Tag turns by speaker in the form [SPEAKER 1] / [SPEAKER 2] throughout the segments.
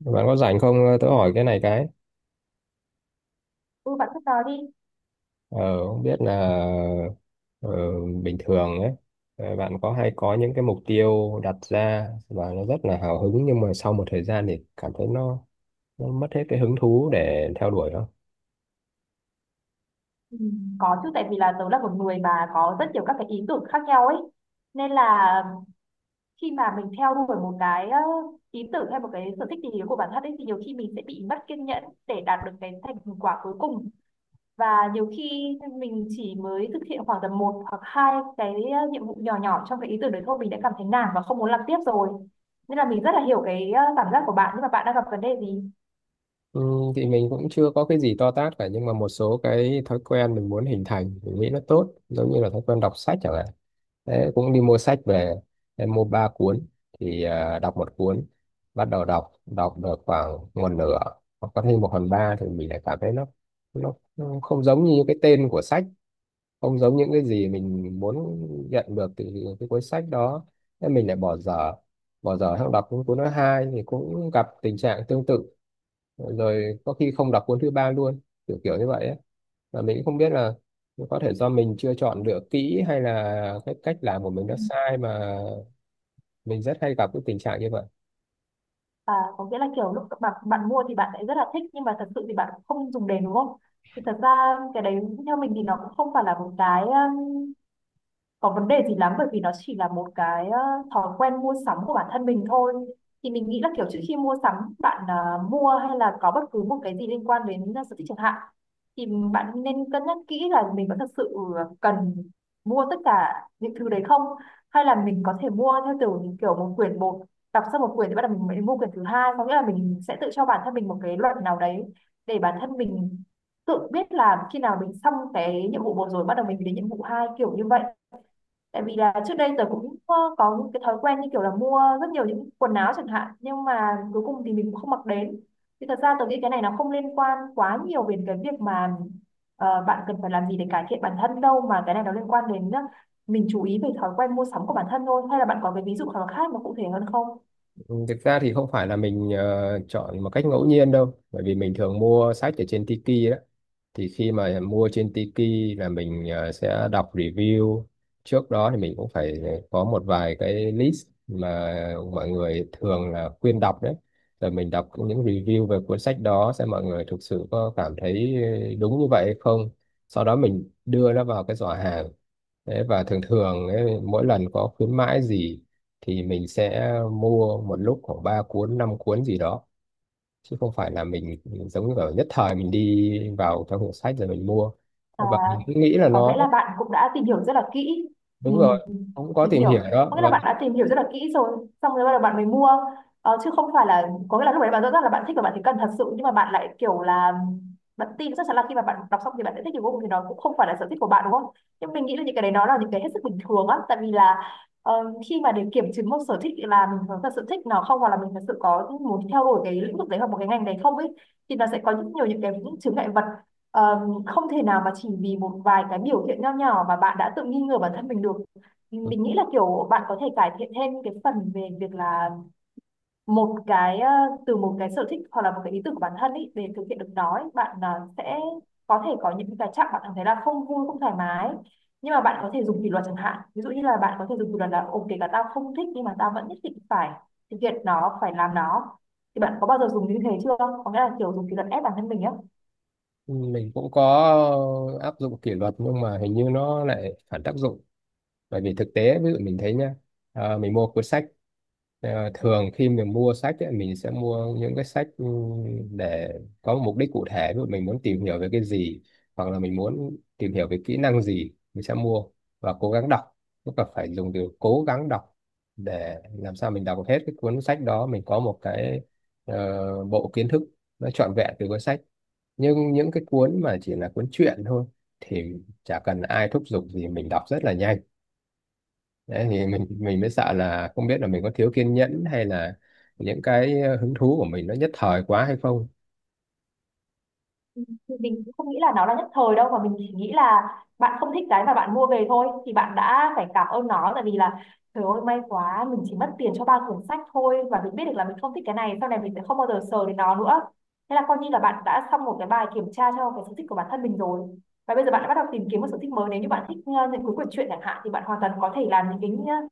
[SPEAKER 1] Bạn có rảnh không? Tớ hỏi cái này cái.
[SPEAKER 2] Ừ, bạn cứ nói đi.
[SPEAKER 1] Ờ, không biết là ờ, bình thường ấy, bạn có hay có những cái mục tiêu đặt ra và nó rất là hào hứng nhưng mà sau một thời gian thì cảm thấy nó mất hết cái hứng thú để theo đuổi không?
[SPEAKER 2] Ừ, có chứ tại vì là tớ là một người mà có rất nhiều các cái ý tưởng khác nhau ấy. Nên là khi mà mình theo đuổi một cái ý tưởng hay một cái sở thích gì đó của bản thân ấy thì nhiều khi mình sẽ bị mất kiên nhẫn để đạt được cái thành quả cuối cùng. Và nhiều khi mình chỉ mới thực hiện khoảng tầm một hoặc hai cái nhiệm vụ nhỏ nhỏ trong cái ý tưởng đấy thôi mình đã cảm thấy nản và không muốn làm tiếp rồi. Nên là mình rất là hiểu cái cảm giác của bạn, nhưng mà bạn đang gặp vấn đề gì?
[SPEAKER 1] Ừ, thì mình cũng chưa có cái gì to tát cả, nhưng mà một số cái thói quen mình muốn hình thành mình nghĩ nó tốt, giống như là thói quen đọc sách chẳng hạn. Thế cũng đi mua sách về, em mua ba cuốn thì đọc một cuốn, bắt đầu đọc đọc được khoảng một nửa hoặc có thêm một phần ba thì mình lại cảm thấy nó không giống như cái tên của sách, không giống những cái gì mình muốn nhận được từ cái cuốn sách đó nên mình lại bỏ dở sang đọc những cuốn thứ hai thì cũng gặp tình trạng tương tự, rồi có khi không đọc cuốn thứ ba luôn, kiểu kiểu như vậy ấy. Mà mình cũng không biết là có thể do mình chưa chọn lựa kỹ, hay là cái cách làm của mình nó sai, mà mình rất hay gặp cái tình trạng như vậy.
[SPEAKER 2] À, có nghĩa là kiểu lúc bạn bạn mua thì bạn lại rất là thích nhưng mà thật sự thì bạn không dùng đến, đúng không? Thì thật ra cái đấy theo mình thì nó cũng không phải là một cái có vấn đề gì lắm, bởi vì nó chỉ là một cái thói quen mua sắm của bản thân mình thôi. Thì mình nghĩ là kiểu trước khi mua sắm bạn mua hay là có bất cứ một cái gì liên quan đến sở thích chẳng hạn thì bạn nên cân nhắc kỹ là mình có thật sự cần mua tất cả những thứ đấy không, hay là mình có thể mua theo kiểu kiểu một quyển một, đọc xong một quyển thì bắt đầu mình mới mua quyển thứ hai, có nghĩa là mình sẽ tự cho bản thân mình một cái luật nào đấy để bản thân mình tự biết là khi nào mình xong cái nhiệm vụ một rồi bắt đầu mình đến nhiệm vụ hai, kiểu như vậy. Tại vì là trước đây tớ cũng có những cái thói quen như kiểu là mua rất nhiều những quần áo chẳng hạn, nhưng mà cuối cùng thì mình cũng không mặc đến. Thì thật ra tớ nghĩ cái này nó không liên quan quá nhiều về cái việc mà bạn cần phải làm gì để cải thiện bản thân đâu, mà cái này nó liên quan đến mình chú ý về thói quen mua sắm của bản thân thôi. Hay là bạn có cái ví dụ nào khác mà cụ thể hơn không?
[SPEAKER 1] Ừ, thực ra thì không phải là mình chọn một cách ngẫu nhiên đâu, bởi vì mình thường mua sách ở trên Tiki đó. Thì khi mà mua trên Tiki là mình sẽ đọc review. Trước đó thì mình cũng phải có một vài cái list mà mọi người thường là khuyên đọc đấy, rồi mình đọc những review về cuốn sách đó xem mọi người thực sự có cảm thấy đúng như vậy hay không, sau đó mình đưa nó vào cái giỏ hàng. Đấy, và thường thường ấy, mỗi lần có khuyến mãi gì thì mình sẽ mua một lúc khoảng 3 cuốn 5 cuốn gì đó, chứ không phải là mình giống như kiểu nhất thời mình đi vào trong hiệu sách rồi mình mua
[SPEAKER 2] À,
[SPEAKER 1] và mình cứ nghĩ là
[SPEAKER 2] có
[SPEAKER 1] nó
[SPEAKER 2] nghĩa là bạn cũng đã tìm hiểu rất là kỹ. Ừ,
[SPEAKER 1] đúng rồi, cũng có
[SPEAKER 2] mình
[SPEAKER 1] tìm hiểu
[SPEAKER 2] hiểu,
[SPEAKER 1] đó.
[SPEAKER 2] có nghĩa là
[SPEAKER 1] Và
[SPEAKER 2] bạn đã tìm hiểu rất là kỹ rồi xong rồi bắt đầu bạn mới mua, chứ không phải là có nghĩa là lúc đấy bạn rõ ràng là bạn thích và bạn thấy cần thật sự, nhưng mà bạn lại kiểu là bạn tin chắc chắn là khi mà bạn đọc xong thì bạn sẽ thích cái vô cùng, thì nó cũng không phải là sở thích của bạn, đúng không? Nhưng mình nghĩ là những cái đấy nó là những cái hết sức bình thường á, tại vì là ờ, khi mà để kiểm chứng một sở thích là mình có thật sự thích nó không, hoặc là mình thật sự có muốn theo đuổi cái lĩnh vực đấy hoặc một cái ngành đấy không ấy, thì nó sẽ có rất nhiều những cái, những chướng ngại vật. Ờ, không thể nào mà chỉ vì một vài cái biểu hiện nho nhỏ mà bạn đã tự nghi ngờ bản thân mình được. Mình nghĩ là kiểu bạn có thể cải thiện thêm cái phần về việc là một cái từ một cái sở thích hoặc là một cái ý tưởng của bản thân ý, để thực hiện được nó ý, bạn sẽ có thể có những cái chặng bạn cảm thấy là không vui không thoải mái, nhưng mà bạn có thể dùng kỷ luật chẳng hạn, ví dụ như là bạn có thể dùng kỷ luật là ok cả tao không thích, nhưng mà tao vẫn nhất định phải thực hiện nó, phải làm nó. Thì bạn có bao giờ dùng như thế chưa, có nghĩa là kiểu dùng kỷ luật ép bản thân mình á?
[SPEAKER 1] mình cũng có áp dụng kỷ luật nhưng mà hình như nó lại phản tác dụng, bởi vì thực tế ví dụ mình thấy nhá, mình mua cuốn sách, thường khi mình mua sách ấy, mình sẽ mua những cái sách để có một mục đích cụ thể, ví dụ mình muốn tìm hiểu về cái gì hoặc là mình muốn tìm hiểu về kỹ năng gì mình sẽ mua và cố gắng đọc, tức là phải dùng từ cố gắng đọc để làm sao mình đọc hết cái cuốn sách đó, mình có một cái bộ kiến thức nó trọn vẹn từ cuốn sách. Nhưng những cái cuốn mà chỉ là cuốn truyện thôi thì chả cần ai thúc giục gì mình đọc rất là nhanh. Đấy, thì mình mới sợ là không biết là mình có thiếu kiên nhẫn hay là những cái hứng thú của mình nó nhất thời quá hay không.
[SPEAKER 2] Thì mình cũng không nghĩ là nó là nhất thời đâu, mà mình chỉ nghĩ là bạn không thích cái mà bạn mua về thôi, thì bạn đã phải cảm ơn nó, tại vì là trời ơi may quá mình chỉ mất tiền cho ba cuốn sách thôi và mình biết được là mình không thích cái này, sau này mình sẽ không bao giờ sờ đến nó nữa. Thế là coi như là bạn đã xong một cái bài kiểm tra cho cái sở thích của bản thân mình rồi. Và bây giờ bạn đã bắt đầu tìm kiếm một sở thích mới, nếu như bạn thích những cuốn quyển truyện chẳng hạn thì bạn hoàn toàn có thể làm những cái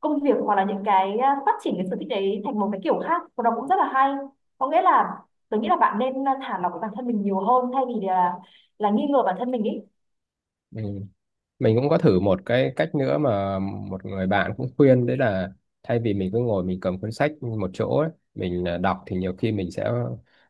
[SPEAKER 2] công việc, hoặc là những cái phát triển cái sở thích đấy thành một cái kiểu khác và nó cũng rất là hay. Có nghĩa là tôi nghĩ là bạn nên thả lỏng bản thân mình nhiều hơn, thay vì là nghi ngờ bản thân mình ý.
[SPEAKER 1] Ừ. Mình cũng có thử một cái cách nữa mà một người bạn cũng khuyên, đấy là thay vì mình cứ ngồi mình cầm cuốn sách một chỗ ấy, mình đọc thì nhiều khi mình sẽ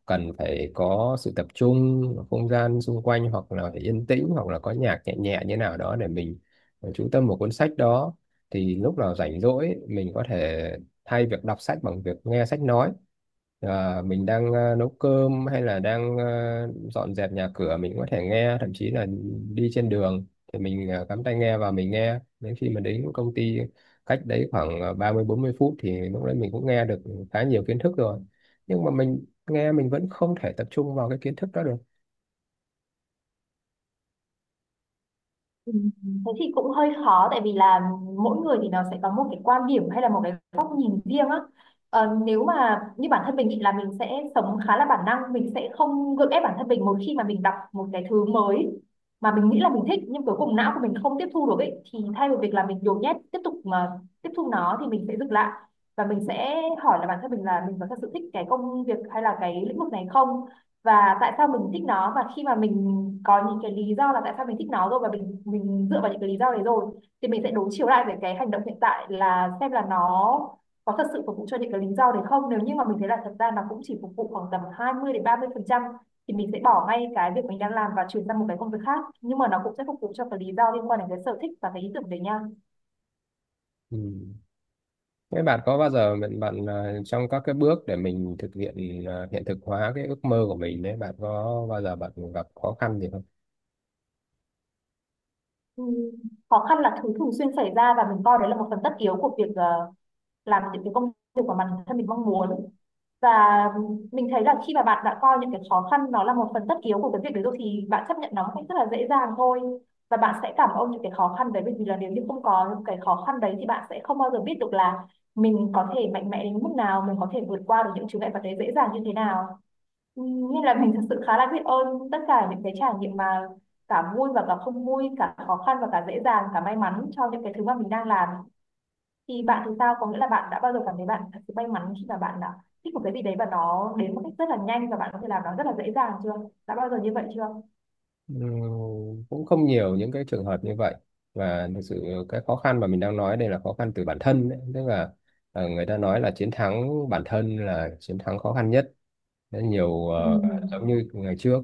[SPEAKER 1] cần phải có sự tập trung ở không gian xung quanh, hoặc là phải yên tĩnh hoặc là có nhạc nhẹ nhẹ như nào đó để mình chú tâm vào cuốn sách đó. Thì lúc nào rảnh rỗi ấy, mình có thể thay việc đọc sách bằng việc nghe sách nói. À, mình đang nấu cơm hay là đang dọn dẹp nhà cửa mình có thể nghe, thậm chí là đi trên đường thì mình cắm tai nghe và mình nghe đến khi mình đến công ty, cách đấy khoảng 30 40 phút, thì lúc đấy mình cũng nghe được khá nhiều kiến thức rồi, nhưng mà mình nghe mình vẫn không thể tập trung vào cái kiến thức đó được.
[SPEAKER 2] Ừ, thế thì cũng hơi khó tại vì là mỗi người thì nó sẽ có một cái quan điểm hay là một cái góc nhìn riêng á. Ờ, nếu mà như bản thân mình thì là mình sẽ sống khá là bản năng, mình sẽ không gượng ép bản thân mình một khi mà mình đọc một cái thứ mới mà mình nghĩ là mình thích nhưng cuối cùng não của mình không tiếp thu được ấy, thì thay vì việc là mình nhồi nhét tiếp tục mà tiếp thu nó thì mình sẽ dừng lại, và mình sẽ hỏi là bản thân mình là mình có thật sự thích cái công việc hay là cái lĩnh vực này không, và tại sao mình thích nó, và khi mà mình có những cái lý do là tại sao mình thích nó rồi và mình dựa vào những cái lý do đấy rồi, thì mình sẽ đối chiếu lại về cái hành động hiện tại là xem là nó có thật sự phục vụ cho những cái lý do đấy không. Nếu như mà mình thấy là thật ra nó cũng chỉ phục vụ khoảng tầm 20-30% thì mình sẽ bỏ ngay cái việc mình đang làm và chuyển sang một cái công việc khác, nhưng mà nó cũng sẽ phục vụ cho cái lý do liên quan đến cái sở thích và cái ý tưởng đấy nha.
[SPEAKER 1] Ừ. Thế bạn có bao giờ, trong các cái bước để mình thực hiện, hiện thực hóa cái ước mơ của mình đấy, bạn có bao giờ bạn gặp khó khăn gì không?
[SPEAKER 2] Ừm, khó khăn là thứ thường xuyên xảy ra và mình coi đấy là một phần tất yếu của việc làm những cái công việc của bản thân mình mong muốn. Và mình thấy là khi mà bạn đã coi những cái khó khăn nó là một phần tất yếu của cái việc đấy rồi thì bạn chấp nhận nó một cách rất là dễ dàng thôi, và bạn sẽ cảm ơn những cái khó khăn đấy bởi vì là nếu như không có những cái khó khăn đấy thì bạn sẽ không bao giờ biết được là mình có thể mạnh mẽ đến mức nào, mình có thể vượt qua được những chướng ngại vật đấy dễ dàng như thế nào. Ừ, nên là mình thật sự khá là biết ơn tất cả những cái trải nghiệm mà cả vui và cả không vui, cả khó khăn và cả dễ dàng, cả may mắn cho những cái thứ mà mình đang làm. Thì bạn thì sao? Có nghĩa là bạn đã bao giờ cảm thấy bạn thật sự may mắn khi mà bạn đã thích một cái gì đấy và nó đến một cách rất là nhanh và bạn có thể làm nó rất là dễ dàng chưa? Đã bao giờ như vậy chưa?
[SPEAKER 1] Cũng không nhiều những cái trường hợp như vậy, và thực sự cái khó khăn mà mình đang nói đây là khó khăn từ bản thân đấy. Tức là người ta nói là chiến thắng bản thân là chiến thắng khó khăn nhất. Đấy, nhiều giống như ngày trước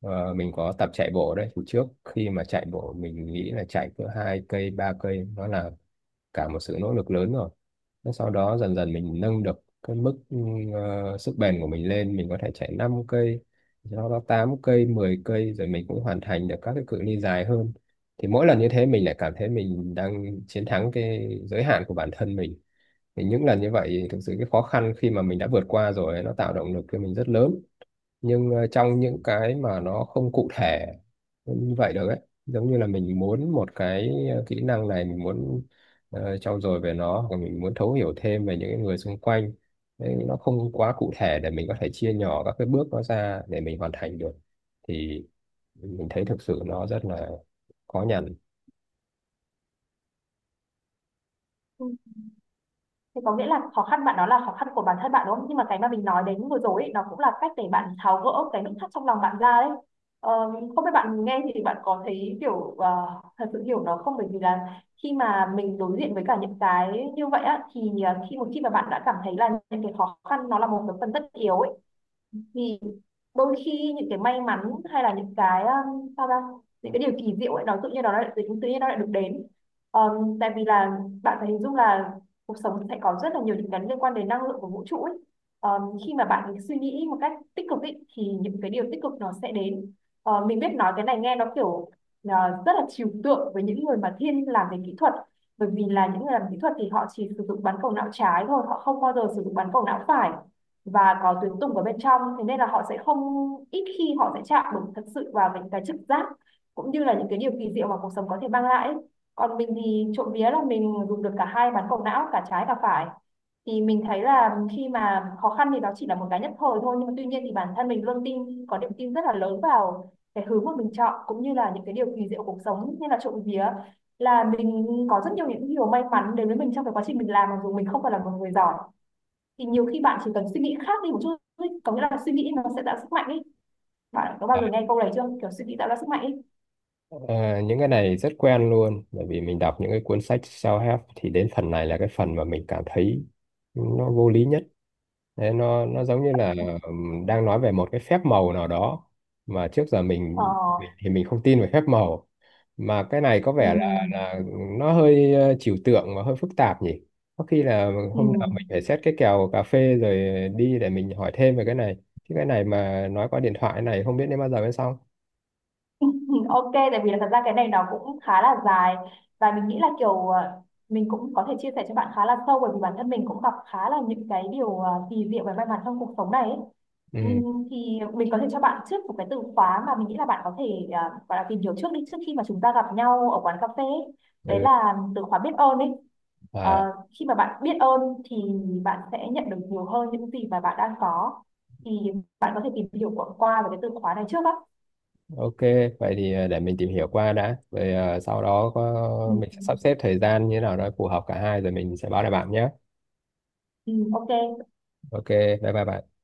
[SPEAKER 1] mình có tập chạy bộ đấy, thì trước khi mà chạy bộ mình nghĩ là chạy cỡ 2 cây 3 cây nó là cả một sự nỗ lực lớn rồi. Thế sau đó dần dần mình nâng được cái mức sức bền của mình lên, mình có thể chạy 5 cây, sau đó 8 cây 10 cây rồi mình cũng hoàn thành được các cái cự ly dài hơn. Thì mỗi lần như thế mình lại cảm thấy mình đang chiến thắng cái giới hạn của bản thân mình. Thì những lần như vậy, thực sự cái khó khăn khi mà mình đã vượt qua rồi nó tạo động lực cho mình rất lớn. Nhưng trong những cái mà nó không cụ thể như vậy được ấy, giống như là mình muốn một cái kỹ năng này mình muốn trau dồi về nó, hoặc mình muốn thấu hiểu thêm về những cái người xung quanh. Đấy, nó không quá cụ thể để mình có thể chia nhỏ các cái bước nó ra để mình hoàn thành được, thì mình thấy thực sự nó rất là khó nhằn.
[SPEAKER 2] Ừ. Thì có nghĩa là khó khăn bạn đó là khó khăn của bản thân bạn, đúng không? Nhưng mà cái mà mình nói đến vừa rồi ấy, nó cũng là cách để bạn tháo gỡ cái nút thắt trong lòng bạn ra đấy. Ờ, không biết bạn nghe thì bạn có thấy kiểu thật sự hiểu nó không? Bởi vì là khi mà mình đối diện với cả những cái như vậy á, thì ờ, khi một khi mà bạn đã cảm thấy là những cái khó khăn nó là một cái phần tất yếu ấy, thì đôi khi những cái may mắn hay là những cái sao ra những cái điều kỳ diệu ấy nó tự nhiên nó lại tự nhiên nó lại được đến, tại vì là bạn phải hình dung là cuộc sống sẽ có rất là nhiều những cái liên quan đến năng lượng của vũ trụ ấy. Khi mà bạn suy nghĩ một cách tích cực ấy, thì những cái điều tích cực nó sẽ đến. Ờ, mình biết nói cái này nghe nó kiểu rất là trừu tượng với những người mà thiên làm về kỹ thuật, bởi vì là những người làm kỹ thuật thì họ chỉ sử dụng bán cầu não trái thôi, họ không bao giờ sử dụng bán cầu não phải và có tuyến tùng ở bên trong, thế nên là họ sẽ không, ít khi họ sẽ chạm được thật sự vào những cái trực giác cũng như là những cái điều kỳ diệu mà cuộc sống có thể mang lại. Còn mình thì trộm vía là mình dùng được cả hai bán cầu não cả trái cả phải, thì mình thấy là khi mà khó khăn thì nó chỉ là một cái nhất thời thôi, nhưng mà tuy nhiên thì bản thân mình luôn tin có niềm tin rất là lớn vào cái hướng mà mình chọn cũng như là những cái điều kỳ diệu của cuộc sống, nên là trộm vía là mình có rất nhiều những điều may mắn đến với mình trong cái quá trình mình làm, mặc dù mình không phải là một người giỏi. Thì nhiều khi bạn chỉ cần suy nghĩ khác đi một chút thôi, có nghĩa là suy nghĩ nó sẽ tạo sức mạnh ấy. Bạn có bao
[SPEAKER 1] Đấy.
[SPEAKER 2] giờ nghe câu này chưa, kiểu suy nghĩ tạo ra sức mạnh ấy?
[SPEAKER 1] Ờ, những cái này rất quen luôn, bởi vì mình đọc những cái cuốn sách self-help thì đến phần này là cái phần mà mình cảm thấy nó vô lý nhất. Đấy, nó giống như là đang nói về một cái phép màu nào đó mà trước giờ
[SPEAKER 2] ờ,
[SPEAKER 1] thì mình không tin về phép màu, mà cái này có vẻ là
[SPEAKER 2] ừm,
[SPEAKER 1] là nó hơi trừu tượng và hơi phức tạp nhỉ. Có khi là hôm nào mình
[SPEAKER 2] ừm,
[SPEAKER 1] phải xét cái kèo cà phê rồi đi để mình hỏi thêm về cái này, chứ cái này mà nói qua điện thoại này không biết đến bao giờ mới xong.
[SPEAKER 2] Ok, tại vì là thật ra cái này nó cũng khá là dài, và mình nghĩ là kiểu mình cũng có thể chia sẻ cho bạn khá là sâu bởi vì bản thân mình cũng gặp khá là những cái điều kỳ diệu và may mắn trong cuộc sống này ấy.
[SPEAKER 1] Ừ,
[SPEAKER 2] Thì mình có thể cho bạn trước một cái từ khóa mà mình nghĩ là bạn có thể ờ, gọi là tìm hiểu trước đi trước khi mà chúng ta gặp nhau ở quán cà phê ấy. Đấy
[SPEAKER 1] ừ.
[SPEAKER 2] là từ khóa biết ơn ấy. Ờ,
[SPEAKER 1] À,
[SPEAKER 2] khi mà bạn biết ơn thì bạn sẽ nhận được nhiều hơn những gì mà bạn đang có. Thì bạn có thể tìm hiểu qua qua về cái từ khóa này trước á.
[SPEAKER 1] ok, vậy thì để mình tìm hiểu qua đã, rồi sau đó
[SPEAKER 2] Ừ.
[SPEAKER 1] mình sẽ sắp xếp thời gian như thế nào đó phù hợp cả hai rồi mình sẽ báo lại bạn nhé.
[SPEAKER 2] Ừ, ok
[SPEAKER 1] Ok, bye bye bạn.